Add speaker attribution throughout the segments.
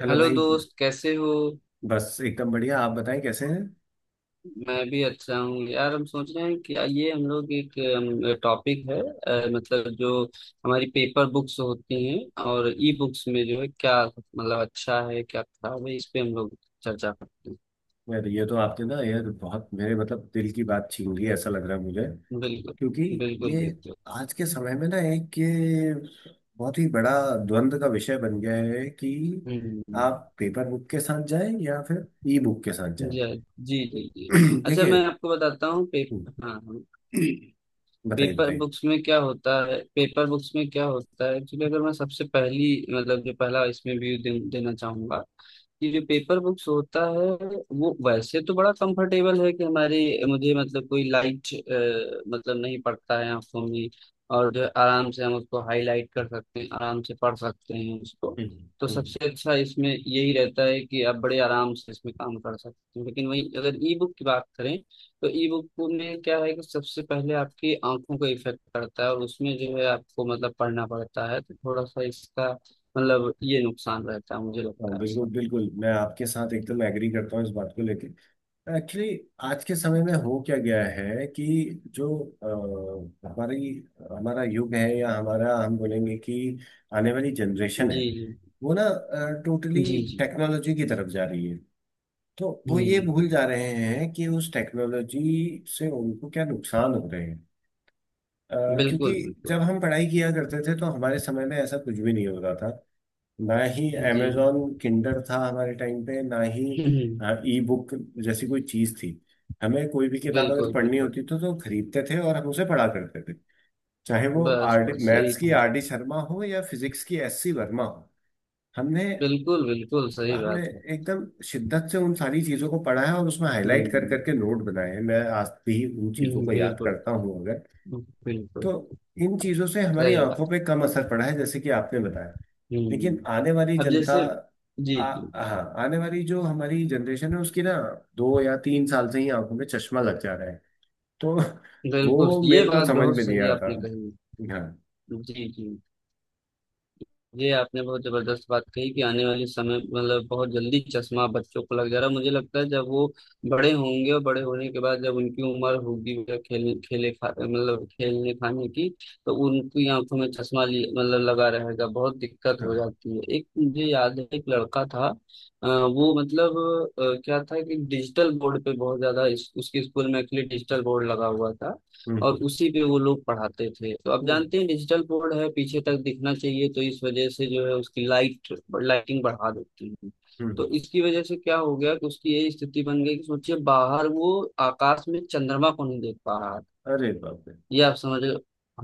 Speaker 1: Hello
Speaker 2: hello
Speaker 1: भाई।
Speaker 2: दोस्त कैसे हो।
Speaker 1: बस एकदम बढ़िया। आप बताएं कैसे हैं।
Speaker 2: मैं भी अच्छा हूँ यार। हम सोच रहे हैं कि आइए हम लोग एक टॉपिक है मतलब जो हमारी पेपर बुक्स होती हैं और ई बुक्स में जो है क्या मतलब अच्छा है क्या खराब है इस पे हम लोग चर्चा करते
Speaker 1: यार ये तो आपने ना यार बहुत मेरे मतलब दिल की बात छीन ली। ऐसा लग रहा है मुझे।
Speaker 2: हैं। बिल्कुल
Speaker 1: क्योंकि
Speaker 2: बिल्कुल।
Speaker 1: ये
Speaker 2: बिल्कुल।
Speaker 1: आज के समय में ना एक ये बहुत ही बड़ा द्वंद का विषय बन गया है कि
Speaker 2: हम्म।
Speaker 1: आप पेपर बुक के साथ जाएं या फिर ई बुक के साथ
Speaker 2: जी
Speaker 1: जाएं।
Speaker 2: जी जी जी। अच्छा
Speaker 1: देखिए।
Speaker 2: मैं आपको बताता हूँ पेपर, हाँ।
Speaker 1: बताइए
Speaker 2: पेपर
Speaker 1: बताइए।
Speaker 2: बुक्स में क्या होता है, पेपर बुक्स में क्या होता है एक्चुअली। अगर मैं सबसे पहली मतलब जो पहला इसमें देना चाहूंगा कि जो पेपर बुक्स होता है वो वैसे तो बड़ा कंफर्टेबल है कि हमारे, मुझे मतलब कोई लाइट मतलब नहीं पड़ता है आंखों में, और जो है आराम से हम उसको हाईलाइट कर सकते हैं, आराम से पढ़ सकते हैं उसको।
Speaker 1: हम्म।
Speaker 2: तो
Speaker 1: हम्म।
Speaker 2: सबसे अच्छा इसमें यही रहता है कि आप बड़े आराम से इसमें काम कर सकते हैं। लेकिन वही अगर ई बुक की बात करें तो ई बुक में क्या है कि सबसे पहले आपकी आंखों को इफेक्ट करता है, और उसमें जो है आपको मतलब पढ़ना पड़ता है तो थोड़ा सा इसका मतलब ये नुकसान रहता है, मुझे लगता
Speaker 1: हाँ,
Speaker 2: है ऐसा।
Speaker 1: बिल्कुल बिल्कुल मैं आपके साथ एकदम एग्री करता हूँ इस बात को लेके। एक्चुअली आज के समय में हो क्या गया है कि जो अ, हमारी हमारा युग है या हमारा हम बोलेंगे कि आने वाली जनरेशन है।
Speaker 2: जी
Speaker 1: वो ना
Speaker 2: जी
Speaker 1: टोटली
Speaker 2: जी जी।
Speaker 1: टेक्नोलॉजी की तरफ जा रही है। तो वो ये
Speaker 2: हम्म,
Speaker 1: भूल जा रहे हैं कि उस टेक्नोलॉजी से उनको क्या नुकसान हो रहे हैं। अ, क्योंकि
Speaker 2: बिल्कुल बिल्कुल।
Speaker 1: जब हम पढ़ाई किया करते थे तो हमारे समय में ऐसा कुछ भी नहीं होता था। ना ही
Speaker 2: जी।
Speaker 1: अमेजॉन किंडर था हमारे टाइम पे, ना ही
Speaker 2: हम्म।
Speaker 1: ई बुक जैसी कोई चीज थी। हमें कोई भी किताब अगर
Speaker 2: बिल्कुल
Speaker 1: पढ़नी
Speaker 2: बिल्कुल।
Speaker 1: होती थी तो खरीदते थे और हम उसे पढ़ा करते थे, चाहे वो
Speaker 2: बस
Speaker 1: आर डी
Speaker 2: बस यही
Speaker 1: मैथ्स की
Speaker 2: था।
Speaker 1: आर डी शर्मा हो या फिजिक्स की एस सी वर्मा हो। हमने
Speaker 2: बिल्कुल बिल्कुल सही
Speaker 1: हमने
Speaker 2: बात है।
Speaker 1: एकदम शिद्दत से उन सारी चीजों को पढ़ा है और उसमें हाईलाइट कर
Speaker 2: हम्म।
Speaker 1: करके नोट बनाए हैं। मैं आज भी उन चीजों को याद
Speaker 2: बिल्कुल।
Speaker 1: करता हूँ। अगर तो
Speaker 2: बिल्कुल
Speaker 1: इन चीजों से हमारी
Speaker 2: सही बात।
Speaker 1: आंखों पे कम असर पड़ा है जैसे कि आपने बताया। लेकिन
Speaker 2: हम्म।
Speaker 1: आने वाली
Speaker 2: अब
Speaker 1: जनता,
Speaker 2: जैसे, जी
Speaker 1: आ,
Speaker 2: जी।
Speaker 1: हाँ, आने वाली जो हमारी जनरेशन है उसकी ना 2 या 3 साल से ही आंखों में चश्मा लग जा रहा है। तो
Speaker 2: बिल्कुल
Speaker 1: वो
Speaker 2: ये
Speaker 1: मेरे को
Speaker 2: बात
Speaker 1: समझ
Speaker 2: बहुत
Speaker 1: में नहीं
Speaker 2: सही
Speaker 1: आता।
Speaker 2: आपने कही।
Speaker 1: हाँ।
Speaker 2: जी जी। ये आपने बहुत जबरदस्त बात कही कि आने वाले समय मतलब बहुत जल्दी चश्मा बच्चों को लग जा रहा है। मुझे लगता है जब वो बड़े होंगे और बड़े होने के बाद जब उनकी उम्र होगी वह खेल खेले खा मतलब खेलने खाने की, तो उनकी आंखों में मतलब लगा रहेगा बहुत दिक्कत हो
Speaker 1: हाँ।
Speaker 2: जाती है। एक मुझे याद है एक लड़का था, वो मतलब क्या था कि डिजिटल बोर्ड पे बहुत ज्यादा उसके स्कूल में एक्चुअली डिजिटल बोर्ड लगा हुआ था और
Speaker 1: हम्म।
Speaker 2: उसी पे वो लोग पढ़ाते थे। तो अब
Speaker 1: हम्म।
Speaker 2: जानते हैं डिजिटल बोर्ड है पीछे तक दिखना चाहिए, तो इस वजह से जो है उसकी लाइटिंग बढ़ा देती है।
Speaker 1: हम्म।
Speaker 2: तो इसकी वजह से क्या हो गया कि उसकी ये स्थिति बन गई कि सोचिए बाहर वो आकाश में चंद्रमा को नहीं देख पा रहा है।
Speaker 1: अरे बाप रे।
Speaker 2: ये आप समझ लो।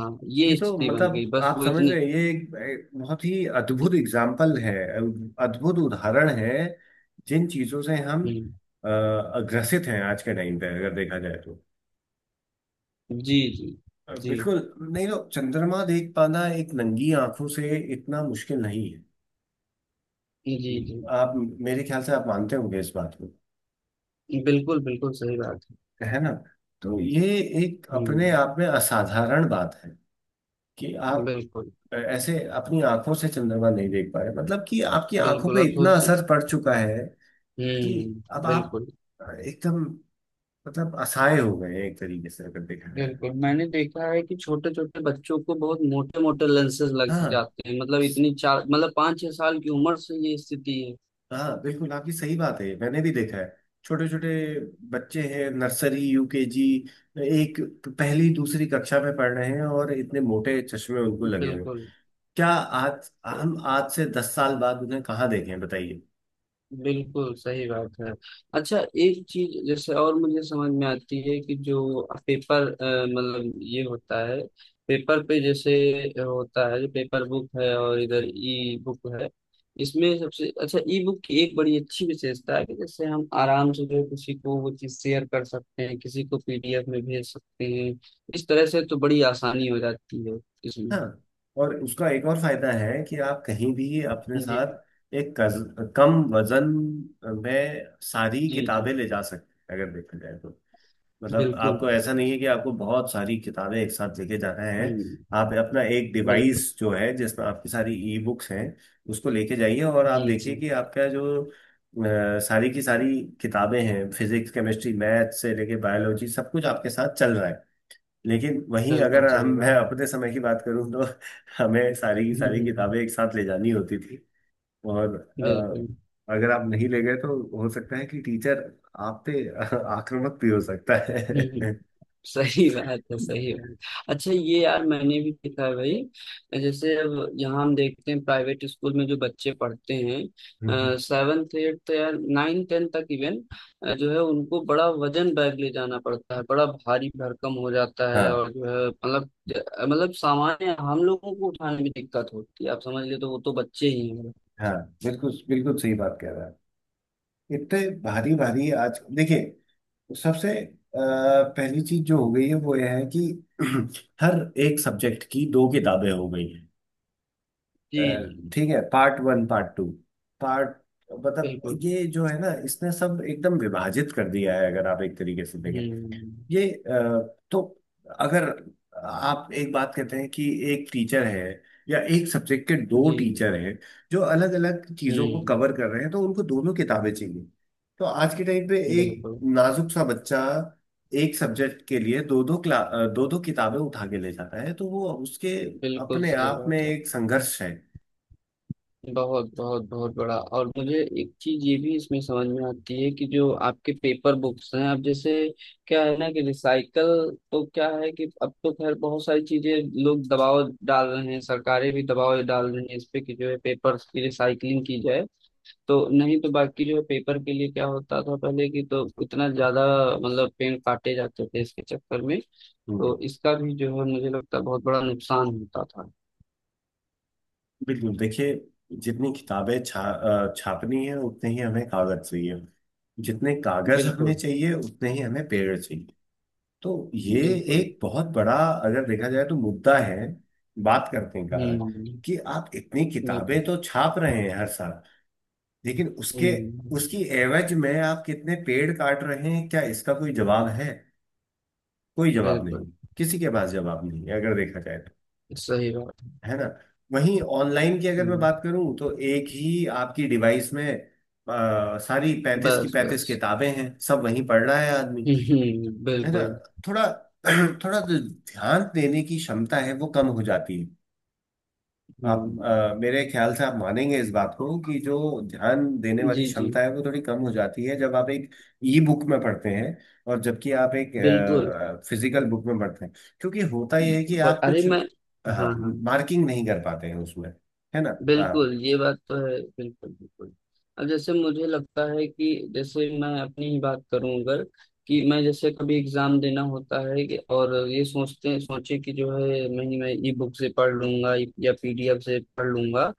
Speaker 2: हाँ
Speaker 1: ये
Speaker 2: ये
Speaker 1: तो
Speaker 2: स्थिति बन गई,
Speaker 1: मतलब
Speaker 2: बस
Speaker 1: आप
Speaker 2: वो
Speaker 1: समझ रहे
Speaker 2: इतनी।
Speaker 1: हैं, ये एक बहुत ही अद्भुत एग्जाम्पल है। अद्भुत उदाहरण है। जिन चीजों से हम
Speaker 2: हम्म,
Speaker 1: ग्रसित हैं आज के टाइम पे अगर देखा जाए तो।
Speaker 2: जी जी जी
Speaker 1: बिल्कुल। नहीं तो चंद्रमा देख पाना एक नंगी आंखों से इतना मुश्किल नहीं है।
Speaker 2: जी जी।
Speaker 1: हम्म। आप, मेरे ख्याल से आप मानते होंगे इस बात को,
Speaker 2: बिल्कुल बिल्कुल सही बात है।
Speaker 1: है ना। तो ये एक अपने
Speaker 2: हम्म,
Speaker 1: आप में असाधारण बात है कि आप
Speaker 2: बिल्कुल।
Speaker 1: ऐसे अपनी आंखों से चंद्रमा नहीं देख पा रहे, मतलब कि आपकी आंखों
Speaker 2: बिल्कुल
Speaker 1: पे
Speaker 2: अब
Speaker 1: इतना
Speaker 2: सोचिए।
Speaker 1: असर पड़ चुका है कि अब
Speaker 2: हम्म,
Speaker 1: आप
Speaker 2: बिल्कुल।
Speaker 1: एकदम मतलब असहाय हो गए हैं एक तरीके से अगर देखा जाए
Speaker 2: बिल्कुल
Speaker 1: तो।
Speaker 2: मैंने देखा है कि छोटे छोटे बच्चों को बहुत मोटे मोटे लेंसेज लग
Speaker 1: हाँ,
Speaker 2: जाते हैं। मतलब इतनी चार मतलब पाँच छह साल की उम्र से ये स्थिति
Speaker 1: हाँ बिल्कुल आपकी सही बात है, मैंने भी देखा है। छोटे छोटे बच्चे हैं, नर्सरी यूकेजी, एक पहली दूसरी कक्षा में पढ़ रहे हैं और इतने मोटे चश्मे उनको
Speaker 2: है।
Speaker 1: लगे हुए हैं।
Speaker 2: बिल्कुल।
Speaker 1: क्या आज
Speaker 2: तो
Speaker 1: हम आज से 10 साल बाद उन्हें कहाँ देखें बताइए।
Speaker 2: बिल्कुल सही बात है। अच्छा एक चीज जैसे और मुझे समझ में आती है कि जो पेपर मतलब ये होता है पेपर पे जैसे होता है। जो पेपर बुक है और इधर ई बुक है, इसमें सबसे अच्छा ई बुक की एक बड़ी अच्छी विशेषता है कि जैसे हम आराम से जो है किसी को वो चीज शेयर कर सकते हैं, किसी को पीडीएफ में भेज सकते हैं। इस तरह से तो बड़ी आसानी हो जाती है इसमें।
Speaker 1: हाँ। और उसका एक और फायदा है कि आप कहीं भी अपने
Speaker 2: जी
Speaker 1: साथ एक कम वजन में सारी
Speaker 2: जी जी।
Speaker 1: किताबें ले जा सकते हैं, अगर देखा जाए तो। मतलब
Speaker 2: बिल्कुल।
Speaker 1: आपको ऐसा नहीं है कि आपको बहुत सारी किताबें एक साथ लेके जाना है।
Speaker 2: हम्म।
Speaker 1: आप अपना एक
Speaker 2: बिल्कुल।
Speaker 1: डिवाइस जो है जिसमें आपकी सारी ई बुक्स हैं उसको लेके जाइए और आप
Speaker 2: जी
Speaker 1: देखिए
Speaker 2: जी।
Speaker 1: कि आपका जो सारी की सारी किताबें हैं फिजिक्स केमिस्ट्री मैथ से लेके बायोलॉजी सब कुछ आपके साथ चल रहा है। लेकिन वहीं अगर
Speaker 2: बिल्कुल
Speaker 1: हम
Speaker 2: सही
Speaker 1: मैं
Speaker 2: बात।
Speaker 1: अपने समय की बात करूं तो हमें सारी की
Speaker 2: हम्म,
Speaker 1: सारी
Speaker 2: हम्म,
Speaker 1: किताबें एक साथ ले जानी होती थी। और
Speaker 2: बिल्कुल।
Speaker 1: अगर आप नहीं ले गए तो हो सकता है कि टीचर आप पे आक्रामक भी हो सकता
Speaker 2: हम्म,
Speaker 1: है।
Speaker 2: सही बात है, सही बात। अच्छा ये यार मैंने भी देखा है भाई। जैसे अब यहाँ हम देखते हैं प्राइवेट स्कूल में जो बच्चे पढ़ते
Speaker 1: हम्म।
Speaker 2: हैं सेवन्थ एट्थ, तो यार नाइन टेंथ तक इवन जो है उनको बड़ा वजन बैग ले जाना पड़ता है, बड़ा भारी भरकम हो जाता है
Speaker 1: हाँ,
Speaker 2: और जो है मतलब, मतलब सामान्य हम लोगों को उठाने में दिक्कत होती है आप समझ ले, तो वो तो बच्चे ही हैं।
Speaker 1: हाँ बिल्कुल बिल्कुल सही बात कह रहा है। इतने भारी भारी आज देखिए सबसे पहली चीज जो हो गई है वो यह है कि हर एक सब्जेक्ट की दो किताबें हो गई हैं।
Speaker 2: जी जी।
Speaker 1: ठीक है, पार्ट 1 पार्ट 2 पार्ट। मतलब
Speaker 2: बिल्कुल।
Speaker 1: ये जो है ना इसने सब एकदम विभाजित कर दिया है अगर आप एक तरीके से देखें।
Speaker 2: हम्म।
Speaker 1: ये तो अगर आप एक बात कहते हैं कि एक टीचर है या एक सब्जेक्ट के दो
Speaker 2: जी।
Speaker 1: टीचर हैं जो अलग अलग चीजों को
Speaker 2: हम्म।
Speaker 1: कवर कर रहे हैं तो उनको दोनों किताबें चाहिए। तो आज के टाइम पे एक
Speaker 2: बिल्कुल।
Speaker 1: नाजुक सा बच्चा एक सब्जेक्ट के लिए दो दो क्ला दो दो किताबें उठा के ले जाता है तो वो उसके
Speaker 2: बिल्कुल
Speaker 1: अपने
Speaker 2: सही
Speaker 1: आप में
Speaker 2: बात है।
Speaker 1: एक संघर्ष है।
Speaker 2: बहुत बहुत बहुत बड़ा। और मुझे एक चीज ये भी इसमें समझ में आती है कि जो आपके पेपर बुक्स हैं अब जैसे क्या है ना कि रिसाइकल, तो क्या है कि अब तो खैर बहुत सारी चीजें लोग दबाव डाल रहे हैं, सरकारें भी दबाव डाल रही हैं इस पे कि जो है पेपर की रिसाइकलिंग की जाए। तो नहीं तो बाकी जो है पेपर के लिए क्या होता था पहले की तो इतना ज्यादा मतलब पेड़ काटे जाते थे इसके चक्कर में। तो
Speaker 1: हम्म।
Speaker 2: इसका भी जो है मुझे लगता है बहुत बड़ा नुकसान होता था।
Speaker 1: बिल्कुल। देखिए जितनी किताबें छापनी है उतने ही हमें कागज चाहिए। जितने कागज हमें
Speaker 2: बिल्कुल।
Speaker 1: चाहिए उतने ही हमें पेड़ चाहिए। तो ये
Speaker 2: बिल्कुल।
Speaker 1: एक बहुत बड़ा, अगर देखा जाए तो, मुद्दा है बात करने का
Speaker 2: हम्म।
Speaker 1: कि आप इतनी
Speaker 2: बिल्कुल।
Speaker 1: किताबें तो छाप रहे हैं हर साल, लेकिन उसके
Speaker 2: हम्म।
Speaker 1: उसकी एवज में आप कितने पेड़ काट रहे हैं, क्या इसका कोई जवाब है। कोई जवाब
Speaker 2: बिल्कुल।
Speaker 1: नहीं। किसी के पास जवाब नहीं है अगर देखा जाए तो।
Speaker 2: सही बात।
Speaker 1: है ना। वहीं ऑनलाइन की अगर मैं
Speaker 2: हम्म।
Speaker 1: बात करूं तो एक ही आपकी डिवाइस में सारी 35 की
Speaker 2: बस बस।
Speaker 1: 35 किताबें हैं, सब वहीं पढ़ रहा है आदमी।
Speaker 2: हम्म,
Speaker 1: है ना।
Speaker 2: बिल्कुल।
Speaker 1: थोड़ा थोड़ा जो ध्यान देने की क्षमता है वो कम हो जाती है। आप,
Speaker 2: हम्म।
Speaker 1: मेरे ख्याल से आप मानेंगे इस बात को कि जो ध्यान देने वाली
Speaker 2: जी जी।
Speaker 1: क्षमता है वो थोड़ी कम हो जाती है जब आप एक ई बुक में पढ़ते हैं। और जबकि आप एक
Speaker 2: बिल्कुल।
Speaker 1: फिजिकल बुक में पढ़ते हैं, क्योंकि होता यह है कि
Speaker 2: पर
Speaker 1: आप
Speaker 2: अरे
Speaker 1: कुछ,
Speaker 2: मैं,
Speaker 1: हाँ,
Speaker 2: हाँ हाँ।
Speaker 1: मार्किंग नहीं कर पाते हैं उसमें, है ना। हाँ।
Speaker 2: बिल्कुल ये बात तो है, बिल्कुल बिल्कुल। अब जैसे मुझे लगता है कि जैसे मैं अपनी ही बात करूं अगर, कि मैं जैसे कभी एग्जाम देना होता है और ये सोचते सोचे कि जो है मैं ई बुक से पढ़ लूंगा या पीडीएफ से पढ़ लूंगा,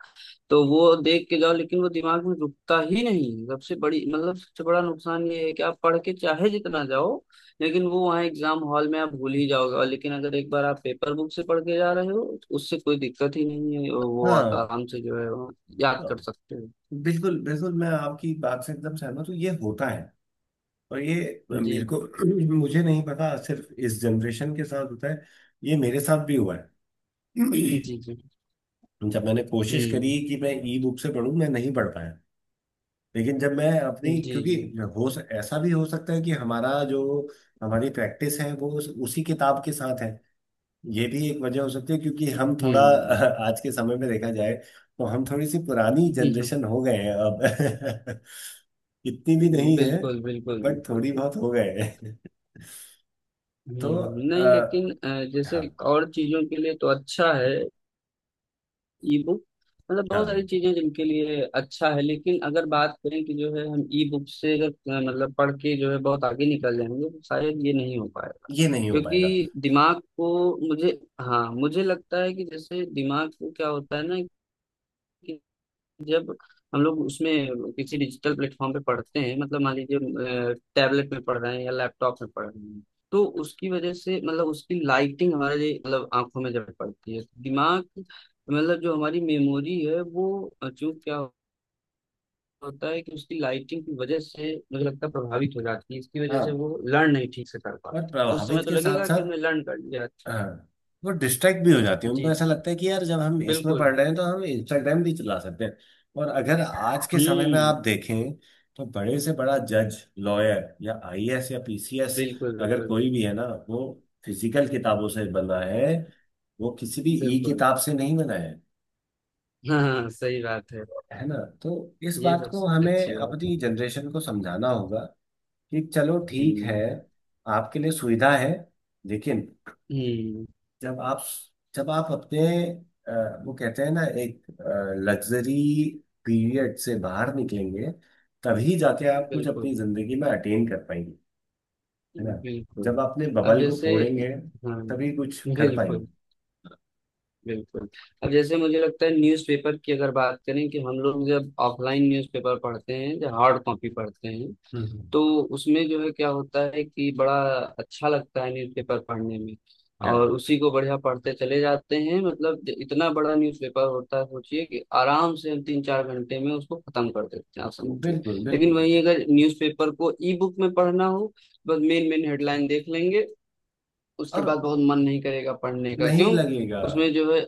Speaker 2: तो वो देख के जाओ लेकिन वो दिमाग में रुकता ही नहीं। सबसे बड़ी मतलब सबसे बड़ा नुकसान ये है कि आप पढ़ के चाहे जितना जाओ लेकिन वो वहाँ एग्जाम हॉल में आप भूल ही जाओगे। और लेकिन अगर एक बार आप पेपर बुक से पढ़ के जा रहे हो तो उससे कोई दिक्कत ही नहीं है, और वो आप
Speaker 1: हाँ।
Speaker 2: आराम से जो है वो याद
Speaker 1: तो
Speaker 2: कर सकते हो।
Speaker 1: बिल्कुल बिल्कुल मैं आपकी बात से एकदम सहमत हूँ, ये होता है। और ये
Speaker 2: जी
Speaker 1: मेरे को मुझे नहीं पता, सिर्फ इस जनरेशन के साथ होता है ये, मेरे साथ भी हुआ है।
Speaker 2: जी जी जी।
Speaker 1: जब मैंने कोशिश करी
Speaker 2: हम्म।
Speaker 1: कि मैं ई बुक से पढूं, मैं नहीं पढ़ पाया। लेकिन जब मैं
Speaker 2: जी
Speaker 1: अपनी, क्योंकि
Speaker 2: जी।
Speaker 1: ऐसा भी हो सकता है कि हमारा जो हमारी प्रैक्टिस है वो उसी किताब के साथ है। ये भी एक वजह हो सकती है, क्योंकि हम थोड़ा
Speaker 2: हम्म।
Speaker 1: आज के समय में देखा जाए तो हम थोड़ी सी पुरानी जनरेशन हो गए हैं अब। इतनी भी नहीं है,
Speaker 2: बिल्कुल बिल्कुल
Speaker 1: बट
Speaker 2: बिल्कुल।
Speaker 1: थोड़ी बहुत हो गए हैं। तो
Speaker 2: हम्म, नहीं लेकिन जैसे
Speaker 1: हाँ,
Speaker 2: और चीजों के लिए तो अच्छा है ई बुक, मतलब बहुत सारी
Speaker 1: हाँ
Speaker 2: चीजें जिनके लिए अच्छा है। लेकिन अगर बात करें कि जो है हम ई बुक से अगर मतलब पढ़ के जो है बहुत आगे निकल जाएंगे तो शायद ये नहीं हो पाएगा।
Speaker 1: ये नहीं हो पाएगा।
Speaker 2: क्योंकि दिमाग को, मुझे हाँ मुझे लगता है कि जैसे दिमाग को क्या होता है ना, जब हम लोग उसमें किसी डिजिटल प्लेटफॉर्म पे पढ़ते हैं, मतलब मान लीजिए टैबलेट में पढ़ रहे हैं या लैपटॉप में पढ़ रहे हैं, तो उसकी वजह से मतलब उसकी लाइटिंग हमारे लिए मतलब आंखों में जब पड़ती है, दिमाग मतलब जो हमारी मेमोरी है वो चूंकि क्या होता है कि उसकी लाइटिंग की वजह से मुझे लगता है प्रभावित हो जाती है। इसकी वजह से
Speaker 1: हाँ।
Speaker 2: वो लर्न नहीं ठीक से कर
Speaker 1: और
Speaker 2: पाती। उस समय
Speaker 1: प्रभावित
Speaker 2: तो
Speaker 1: के साथ
Speaker 2: लगेगा कि
Speaker 1: साथ,
Speaker 2: हमने लर्न कर लिया अच्छा।
Speaker 1: हाँ, वो डिस्ट्रैक्ट भी हो जाती है।
Speaker 2: जी
Speaker 1: उनको
Speaker 2: जी।
Speaker 1: ऐसा लगता है कि यार जब हम इसमें पढ़
Speaker 2: बिल्कुल।
Speaker 1: रहे हैं तो हम इंस्टाग्राम भी चला सकते हैं। और अगर आज के समय में
Speaker 2: हम्म।
Speaker 1: आप देखें तो बड़े से बड़ा जज लॉयर या आईएएस या पीसीएस,
Speaker 2: बिल्कुल।
Speaker 1: अगर
Speaker 2: बिल्कुल।
Speaker 1: कोई भी है ना, वो फिजिकल किताबों से बना है। वो किसी भी ई
Speaker 2: बिल्कुल।
Speaker 1: किताब से नहीं बना है
Speaker 2: हाँ हाँ, सही बात है।
Speaker 1: है ना। तो इस
Speaker 2: ये
Speaker 1: बात को
Speaker 2: सबसे
Speaker 1: हमें
Speaker 2: अच्छी बात है।
Speaker 1: अपनी जनरेशन को समझाना होगा कि चलो ठीक है,
Speaker 2: हम्म।
Speaker 1: आपके लिए सुविधा है, लेकिन
Speaker 2: हम्म।
Speaker 1: जब आप, जब आप अपने अ, वो कहते हैं ना एक लग्जरी पीरियड से बाहर निकलेंगे तभी जाके आप कुछ
Speaker 2: बिल्कुल।
Speaker 1: अपनी जिंदगी में अटेन कर पाएंगे, है ना।
Speaker 2: बिल्कुल।
Speaker 1: जब आपने
Speaker 2: अब
Speaker 1: बबल को
Speaker 2: जैसे,
Speaker 1: फोड़ेंगे
Speaker 2: हाँ।
Speaker 1: तभी कुछ कर पाएंगे।
Speaker 2: बिल्कुल बिल्कुल। अब जैसे मुझे लगता है न्यूज़पेपर की अगर बात करें, कि हम लोग जब ऑफलाइन न्यूज़पेपर पढ़ते हैं जब हार्ड कॉपी पढ़ते हैं
Speaker 1: हम्म।
Speaker 2: तो उसमें जो है क्या होता है कि बड़ा अच्छा लगता है न्यूज़पेपर पढ़ने में,
Speaker 1: है।
Speaker 2: और उसी को बढ़िया पढ़ते चले जाते हैं। मतलब इतना बड़ा न्यूज़पेपर होता है सोचिए कि आराम से हम तीन चार घंटे में उसको खत्म कर देते हैं आप समझिए।
Speaker 1: बिल्कुल।
Speaker 2: लेकिन
Speaker 1: बिल्कुल।
Speaker 2: वहीं अगर न्यूज़पेपर को ई बुक में पढ़ना हो बस मेन मेन हेडलाइन देख लेंगे, उसके
Speaker 1: और
Speaker 2: बाद बहुत मन नहीं करेगा पढ़ने का,
Speaker 1: नहीं
Speaker 2: क्यों?
Speaker 1: लगेगा
Speaker 2: उसमें जो है,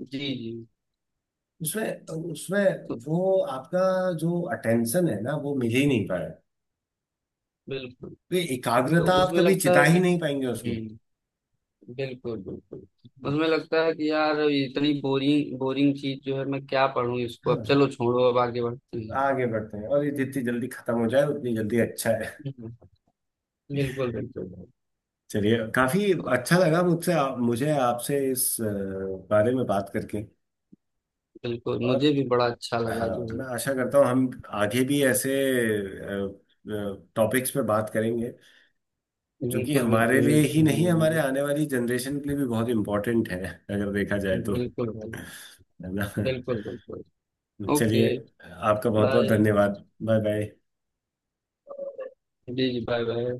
Speaker 2: जी जी।
Speaker 1: उसमें उसमें
Speaker 2: तो
Speaker 1: वो आपका जो अटेंशन है ना वो मिल ही नहीं पाएगा।
Speaker 2: बिल्कुल।
Speaker 1: तो ये
Speaker 2: तो
Speaker 1: एकाग्रता आप
Speaker 2: उसमें
Speaker 1: कभी
Speaker 2: लगता
Speaker 1: चिता
Speaker 2: है
Speaker 1: ही
Speaker 2: कि,
Speaker 1: नहीं पाएंगे उसमें।
Speaker 2: जी। बिल्कुल बिल्कुल। उसमें लगता है कि यार इतनी बोरिंग बोरिंग चीज जो है मैं क्या पढूं इसको, अब
Speaker 1: हाँ,
Speaker 2: चलो छोड़ो, अब आगे बढ़ते हैं।
Speaker 1: आगे बढ़ते हैं और ये जितनी जल्दी खत्म हो जाए उतनी जल्दी अच्छा है।
Speaker 2: हम्म, बिल्कुल बिल्कुल।
Speaker 1: चलिए काफी
Speaker 2: तो
Speaker 1: अच्छा लगा, मुझे आपसे इस बारे में बात करके।
Speaker 2: बिल्कुल मुझे
Speaker 1: और
Speaker 2: भी बड़ा अच्छा लगा
Speaker 1: हाँ,
Speaker 2: जो है।
Speaker 1: मैं आशा करता हूँ हम आगे भी ऐसे टॉपिक्स पे बात करेंगे जो कि
Speaker 2: बिल्कुल
Speaker 1: हमारे
Speaker 2: बिल्कुल,
Speaker 1: लिए ही
Speaker 2: मिलते हैं
Speaker 1: नहीं
Speaker 2: हम
Speaker 1: हमारे
Speaker 2: लोग।
Speaker 1: आने वाली जनरेशन के लिए भी बहुत इम्पोर्टेंट है, अगर देखा जाए तो,
Speaker 2: बिल्कुल भाई।
Speaker 1: है ना।
Speaker 2: बिल्कुल बिल्कुल। ओके।
Speaker 1: चलिए, आपका बहुत बहुत
Speaker 2: बाय।
Speaker 1: धन्यवाद। Bye bye.
Speaker 2: जी जी, बाय बाय।